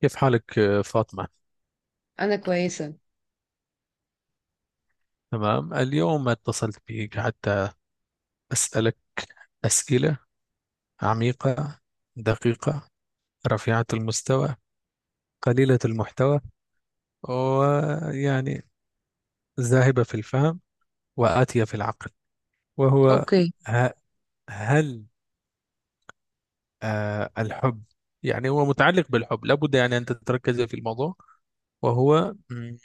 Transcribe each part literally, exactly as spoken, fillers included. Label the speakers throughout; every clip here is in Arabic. Speaker 1: كيف حالك آه، فاطمة؟
Speaker 2: انا كويسه.
Speaker 1: تمام، اليوم اتصلت بك حتى أسألك أسئلة عميقة، دقيقة، رفيعة المستوى، قليلة المحتوى، ويعني ذاهبة في الفهم وآتية في العقل. وهو
Speaker 2: اوكي.
Speaker 1: ه- هل آه، الحب يعني هو متعلق بالحب، لابد يعني أن تتركز في الموضوع. وهو مم،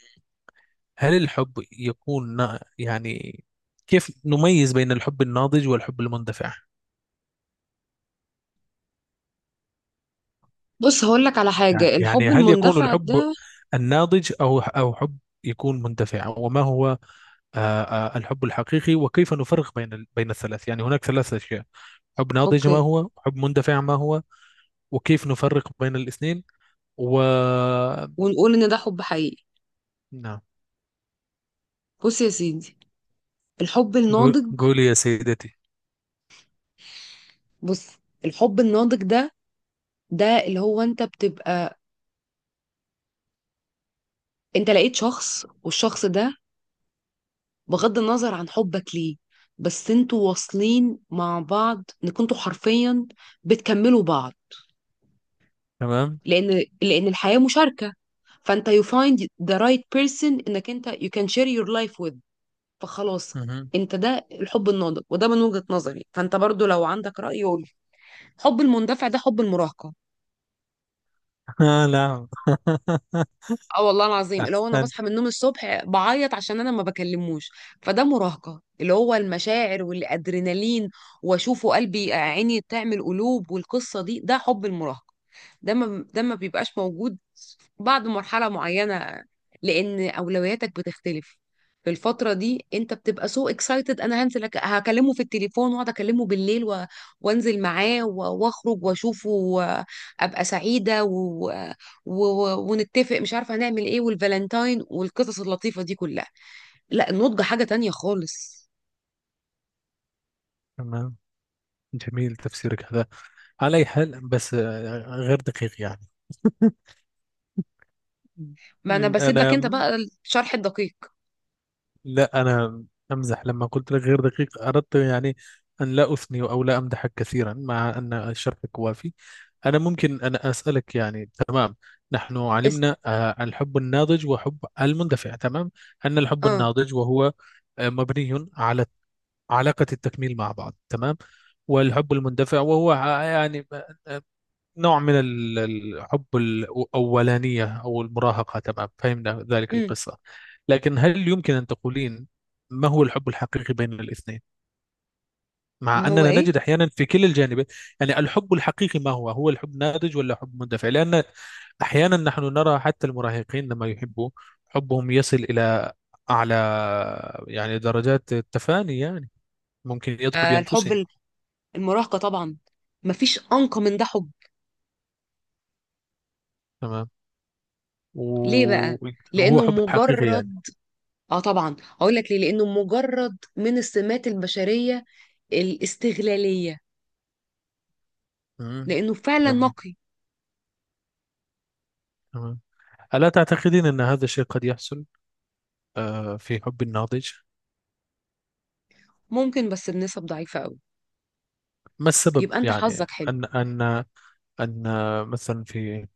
Speaker 1: هل الحب يكون نا- يعني كيف نميز بين الحب الناضج والحب المندفع؟
Speaker 2: بص هقولك على حاجة،
Speaker 1: يعني يعني
Speaker 2: الحب
Speaker 1: هل يكون
Speaker 2: المندفع
Speaker 1: الحب
Speaker 2: ده.
Speaker 1: الناضج أو أو حب يكون مندفع، وما هو آه، آه، الحب الحقيقي، وكيف نفرق بين ال- بين الثلاث؟ يعني هناك ثلاث أشياء: حب ناضج ما
Speaker 2: اوكي،
Speaker 1: هو، حب مندفع ما هو، وكيف نفرق بين الاثنين و
Speaker 2: ونقول ان ده حب حقيقي.
Speaker 1: نعم.
Speaker 2: بص يا سيدي، الحب
Speaker 1: قو-
Speaker 2: الناضج.
Speaker 1: قولي يا سيدتي.
Speaker 2: بص، الحب الناضج ده، ده اللي هو انت بتبقى انت لقيت شخص والشخص ده بغض النظر عن حبك ليه، بس انتوا واصلين مع بعض، ان كنتوا حرفيا بتكملوا بعض.
Speaker 1: تمام.
Speaker 2: لان لان الحياة مشاركة. فانت you find the right person، انك انت you can share your life with. فخلاص
Speaker 1: مهم.
Speaker 2: انت، ده الحب الناضج، وده من وجهة نظري، فانت برضو لو عندك رأي قول. حب المندفع ده حب المراهقة.
Speaker 1: آه، لا
Speaker 2: اه والله العظيم، اللي هو انا
Speaker 1: أحسنت.
Speaker 2: بصحى من النوم الصبح بعيط عشان انا ما بكلموش. فده مراهقة، اللي هو المشاعر والادرينالين، واشوفه قلبي عيني تعمل قلوب، والقصة دي ده حب المراهقة. ده ما ده ما بيبقاش موجود بعد مرحلة معينة، لأن أولوياتك بتختلف. في الفترة دي أنت بتبقى سو اكسايتد، أنا هنزل أك- هكلمه في التليفون وأقعد أكلمه بالليل و... وأنزل معاه و... وأخرج وأشوفه وأبقى سعيدة و... و... و... ونتفق مش عارفة هنعمل إيه، والفالنتاين والقصص اللطيفة دي كلها. لا، النضج حاجة تانية خالص.
Speaker 1: تمام. جميل تفسيرك هذا، على أي حال. بس آه، غير دقيق يعني.
Speaker 2: ما أنا بسيب لك
Speaker 1: أنا
Speaker 2: أنت بقى الشرح الدقيق.
Speaker 1: لا، أنا أمزح. لما قلت لك غير دقيق أردت يعني أن لا أثني أو لا أمدحك كثيرا، مع أن شرحك وافي. أنا ممكن أن أسألك، يعني تمام. نحن
Speaker 2: اس...
Speaker 1: علمنا آه، الحب الناضج وحب المندفع، تمام، أن الحب
Speaker 2: آه
Speaker 1: الناضج وهو آه، مبني على علاقة التكميل مع بعض، تمام. والحب المندفع وهو ع- يعني آه، نوع من ال- الحب الأولانية أو المراهقة، تمام، فهمنا ذلك
Speaker 2: امم
Speaker 1: القصة. لكن هل يمكن أن تقولين ما هو الحب الحقيقي بين الاثنين،
Speaker 2: ما
Speaker 1: مع
Speaker 2: هو
Speaker 1: أننا
Speaker 2: إيه؟
Speaker 1: نجد أحيانا في كلا الجانبين؟ يعني الحب الحقيقي ما هو، هو الحب ناضج ولا حب مندفع؟ لأن أحيانا نحن نرى حتى المراهقين لما يحبوا حبهم يصل إلى أعلى يعني درجات التفاني، يعني ممكن يضحوا
Speaker 2: آه، الحب
Speaker 1: بأنفسهم،
Speaker 2: ال- المراهقة طبعا، مفيش أنقى من ده حب.
Speaker 1: تمام،
Speaker 2: ليه
Speaker 1: و-
Speaker 2: بقى؟
Speaker 1: وهو
Speaker 2: لأنه
Speaker 1: حب حقيقي يعني.
Speaker 2: مجرد. اه طبعا هقول لك ليه، لأنه مجرد من السمات البشرية الاستغلالية،
Speaker 1: مم.
Speaker 2: لأنه فعلا
Speaker 1: تمام،
Speaker 2: نقي.
Speaker 1: تمام. ألا تعتقدين أن هذا الشيء قد يحصل آه، في حب الناضج؟
Speaker 2: ممكن، بس بنسب ضعيفة قوي.
Speaker 1: ما السبب
Speaker 2: يبقى أنت
Speaker 1: يعني،
Speaker 2: حظك حلو.
Speaker 1: أن أن أن مثلا في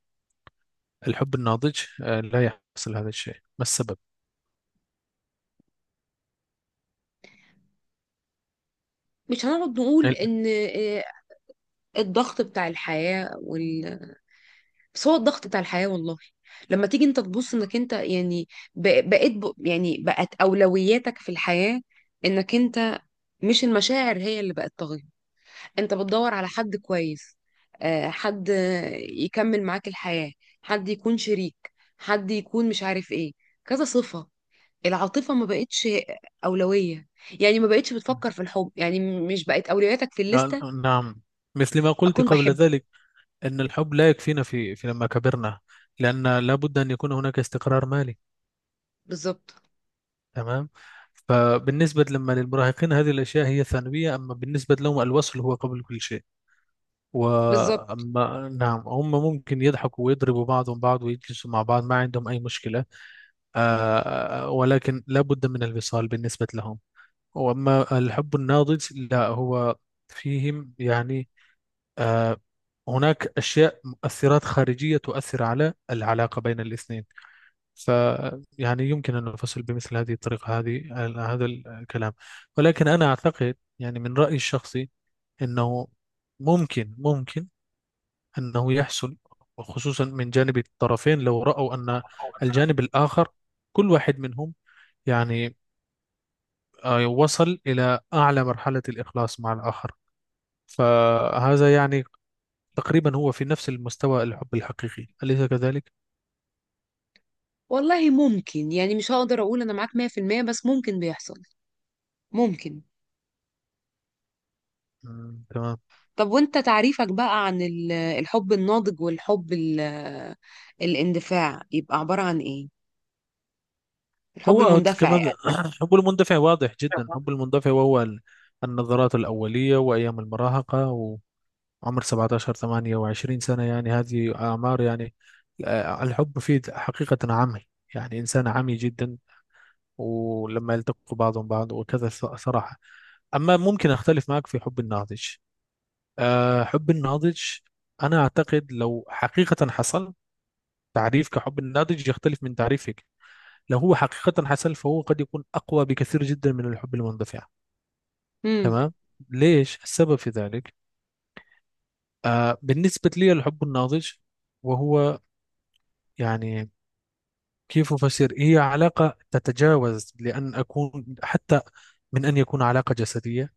Speaker 1: الحب الناضج آه، لا يحصل هذا الشيء، ما السبب؟
Speaker 2: مش هنقعد نقول
Speaker 1: ال-
Speaker 2: إن آه، الضغط بتاع الحياة وال... بس هو الضغط بتاع الحياة والله. لما تيجي أنت تبص إنك أنت يعني ب- بقيت ب... يعني بقت أولوياتك في الحياة إنك أنت، مش المشاعر هي اللي بقت طاغية. انت بتدور على حد كويس، آه، حد يكمل معاك الحياة، حد يكون شريك، حد يكون مش عارف ايه، كذا صفة. العاطفة ما بقتش أولوية. يعني ما بقتش بتفكر في الحب، يعني م- مش بقت أولوياتك في
Speaker 1: آه،
Speaker 2: الليستة.
Speaker 1: نعم، مثل ما قلت
Speaker 2: أكون
Speaker 1: قبل
Speaker 2: بحب.
Speaker 1: ذلك أن الحب لا يكفينا في في لما كبرنا، لأن لابد أن يكون هناك استقرار مالي،
Speaker 2: بالظبط.
Speaker 1: تمام؟ فبالنسبة لما للمراهقين هذه الأشياء هي ثانوية، أما بالنسبة لهم الوصل هو قبل كل شيء.
Speaker 2: بالظبط.
Speaker 1: وأما نعم، هم ممكن يضحكوا ويضربوا بعضهم بعض ويجلسوا مع بعض، ما عندهم أي مشكلة. آه ولكن لابد من الوصال بالنسبة لهم. وأما الحب الناضج، لا هو فيهم يعني آه هناك أشياء مؤثرات خارجية تؤثر على العلاقة بين الاثنين. ف يعني يمكن أن نفصل بمثل هذه الطريقة هذه، هذا الكلام. ولكن أنا أعتقد يعني من رأيي الشخصي أنه ممكن ممكن أنه يحصل، وخصوصا من جانب الطرفين لو رأوا أن الجانب الآخر، كل واحد منهم يعني آه، وصل إلى أعلى مرحلة الإخلاص مع الآخر. فهذا يعني تقريبا هو في نفس المستوى الحب الحقيقي، أليس كذلك؟
Speaker 2: والله ممكن، يعني مش هقدر أقول أنا معاك مية في المية بس ممكن بيحصل. ممكن.
Speaker 1: مم، تمام.
Speaker 2: طب وانت تعريفك بقى عن ال- الحب الناضج والحب ال- الاندفاع يبقى عبارة عن ايه؟ الحب
Speaker 1: هو
Speaker 2: المندفع
Speaker 1: كمان
Speaker 2: يعني.
Speaker 1: حب المندفع واضح جدا. حب المندفع وهو ال- النظرات الأولية وأيام المراهقة، عمر سبعتاشر 28 سنة يعني، هذه أعمار يعني آه، الحب فيه حقيقة عمي، يعني إنسان عمي جدا، ولما يلتقوا بعضهم بعض وكذا ص- صراحة. أما ممكن أختلف معك في حب الناضج. آه، حب الناضج أنا أعتقد لو حقيقة حصل، تعريف كحب الناضج يختلف من تعريفك. لو هو حقيقة حصل فهو قد يكون أقوى بكثير جدا من الحب المندفع،
Speaker 2: امم.
Speaker 1: تمام. ليش السبب في ذلك؟ آه، بالنسبة لي الحب الناضج وهو يعني كيف أفسر، هي علاقة تتجاوز لأن أكون حتى من أن يكون علاقة جسدية.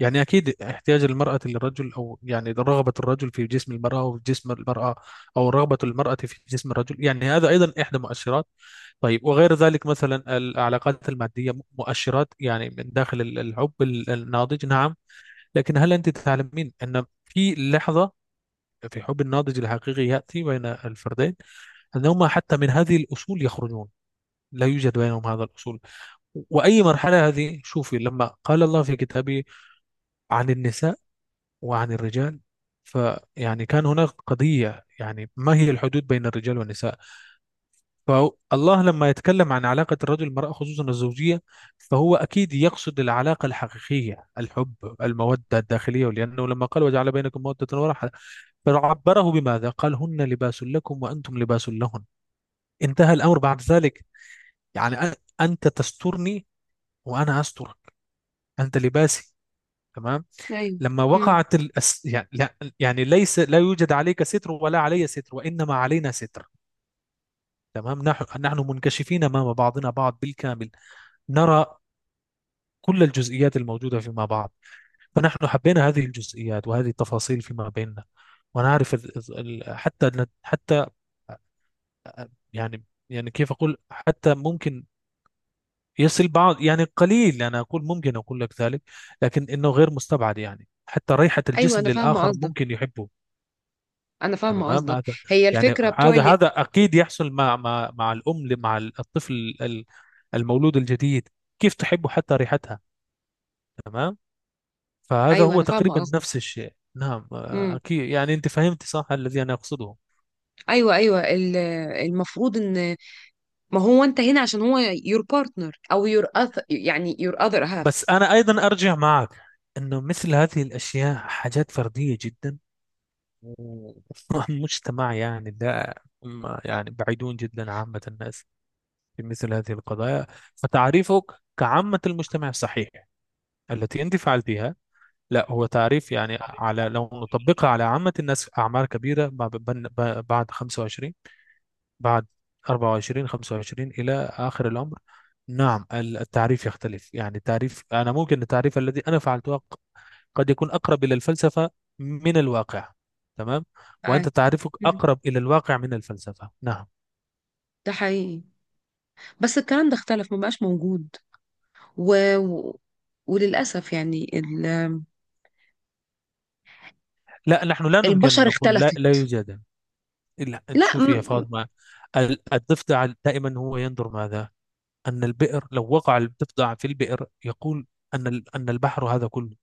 Speaker 1: يعني أكيد احتياج المرأة للرجل، أو يعني رغبة الرجل في جسم المرأة أو في جسم المرأة، أو رغبة المرأة في جسم الرجل، يعني هذا أيضا إحدى مؤشرات. طيب، وغير ذلك مثلا العلاقات المادية، مؤشرات يعني من داخل ال- الحب ال- الناضج، نعم. لكن هل أنت تعلمين أن في لحظة في حب الناضج الحقيقي يأتي بين الفردين أنهما حتى من هذه الأصول يخرجون، لا يوجد بينهم هذا الأصول. وأي مرحلة هذه؟ شوفي لما قال الله في كتابه عن النساء وعن الرجال، فيعني كان هناك قضية يعني ما هي الحدود بين الرجال والنساء. فالله لما يتكلم عن علاقة الرجل والمرأة خصوصا الزوجية، فهو أكيد يقصد العلاقة الحقيقية، الحب، المودة الداخلية. لأنه لما قال وجعل بينكم مودة ورحمة، فعبره بماذا؟ قال هن لباس لكم وأنتم لباس لهن، انتهى الأمر بعد ذلك. يعني أ- أنت تسترني وأنا أسترك، أنت لباسي، تمام.
Speaker 2: ايوه.
Speaker 1: لما
Speaker 2: امم.
Speaker 1: وقعت الأس... يعني لا، يعني ليس، لا يوجد عليك ستر ولا علي ستر، وإنما علينا ستر، تمام. نحن نحن منكشفين أمام بعضنا بعض بالكامل، نرى كل الجزئيات الموجودة فيما بعض. فنحن حبينا هذه الجزئيات وهذه التفاصيل فيما بيننا. ونعرف ال... ال... حتى حتى يعني يعني كيف أقول، حتى ممكن يصل بعض يعني قليل أنا أقول، ممكن أقول لك ذلك، لكن إنه غير مستبعد. يعني حتى ريحة
Speaker 2: ايوه
Speaker 1: الجسم
Speaker 2: انا فاهمه
Speaker 1: للآخر
Speaker 2: قصدك،
Speaker 1: ممكن يحبه،
Speaker 2: انا فاهمه
Speaker 1: تمام.
Speaker 2: قصدك.
Speaker 1: هذا
Speaker 2: هي
Speaker 1: يعني،
Speaker 2: الفكره بتوع
Speaker 1: هذا
Speaker 2: اللي...
Speaker 1: هذا اكيد يحصل مع مع مع الام ل- مع الطفل ال- المولود الجديد، كيف تحب حتى ريحتها، تمام. فهذا
Speaker 2: ايوه
Speaker 1: هو
Speaker 2: انا فاهمه
Speaker 1: تقريبا
Speaker 2: قصدك.
Speaker 1: نفس الشيء، نعم، آه،
Speaker 2: امم.
Speaker 1: اكيد يعني انت فهمت صح الذي انا اقصده.
Speaker 2: ايوه، ايوه، ال- المفروض ان، ما هو انت هنا عشان هو your partner او your other، يعني your other
Speaker 1: بس
Speaker 2: half.
Speaker 1: انا ايضا ارجع معك انه مثل هذه الاشياء حاجات فرديه جدا. والمجتمع يعني لا، ما- يعني بعيدون جدا عامه الناس في مثل هذه القضايا. فتعريفك كعامه المجتمع صحيح، التي انت فعلتيها. لا هو تعريف يعني، على لو نطبقها على عامة الناس، أعمار كبيرة بعد بن- بعد خمسة وعشرين، بعد أربعة وعشرون خمسة وعشرين إلى آخر الأمر، نعم. ال- التعريف يختلف. يعني تعريف أنا، ممكن التعريف الذي أنا فعلته ق- قد يكون أقرب إلى الفلسفة من الواقع، تمام. وأنت
Speaker 2: معاك.
Speaker 1: تعريفك
Speaker 2: مم.
Speaker 1: أقرب إلى الواقع من الفلسفة، نعم.
Speaker 2: ده حقيقي، بس الكلام ده اختلف، ما بقاش موجود. و... و... وللاسف يعني ال...
Speaker 1: لا، نحن لا يمكن أن
Speaker 2: البشر
Speaker 1: نقول لا،
Speaker 2: اختلفت.
Speaker 1: لا يوجد، إلا أن
Speaker 2: لا م...
Speaker 1: تشوفي يا
Speaker 2: م-
Speaker 1: فاطمة. ال- الضفدع دائما هو ينظر ماذا، أن البئر، لو وقع الضفدع في البئر يقول أن ال- أن البحر هذا كله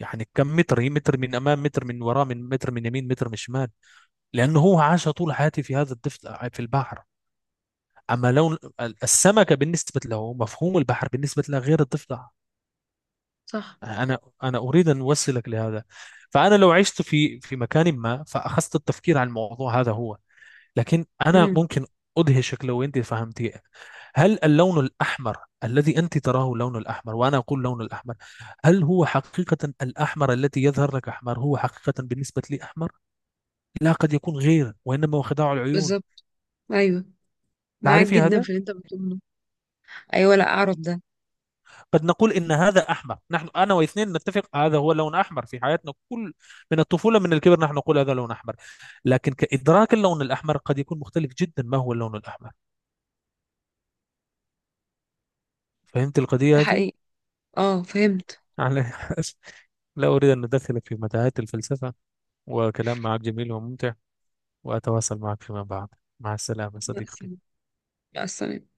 Speaker 1: يعني كم متر، هي متر من أمام، متر من وراء، من متر من يمين، متر من شمال، لأنه هو عاش طول حياته في هذا الضفدع في البحر. أما لون ال- السمكة بالنسبة له، مفهوم البحر بالنسبة له غير الضفدع.
Speaker 2: صح.
Speaker 1: أنا أنا أريد أن أوصلك لهذا. فأنا لو عشت في في مكان ما فأخذت التفكير عن الموضوع، هذا هو. لكن أنا
Speaker 2: امم.
Speaker 1: ممكن أدهشك لو أنت فهمتي. هل اللون الأحمر الذي أنت تراه اللون الأحمر، وأنا أقول لون الأحمر، هل هو حقيقة الأحمر الذي يظهر لك أحمر هو حقيقة بالنسبة لي أحمر؟ لا، قد يكون غير، وإنما هو خداع العيون.
Speaker 2: بالظبط. ايوه، معاك
Speaker 1: تعرفي
Speaker 2: جدا
Speaker 1: هذا؟
Speaker 2: في اللي انت بتقوله. ايوه، لا اعرف ده.
Speaker 1: قد نقول إن هذا أحمر، نحن أنا واثنين نتفق هذا هو لون أحمر في حياتنا، كل من الطفولة من الكبر نحن نقول هذا لون أحمر. لكن كإدراك اللون الأحمر قد يكون مختلف جدا، ما هو اللون الأحمر؟ فهمت
Speaker 2: ده
Speaker 1: القضية هذه؟
Speaker 2: حقيقي. اه فهمت.
Speaker 1: على لا أريد أن أدخل في متاهات الفلسفة. وكلام معك جميل وممتع، وأتواصل معك فيما بعد. مع السلامة
Speaker 2: مع
Speaker 1: صديقتي.
Speaker 2: السلامة. مع السلامة.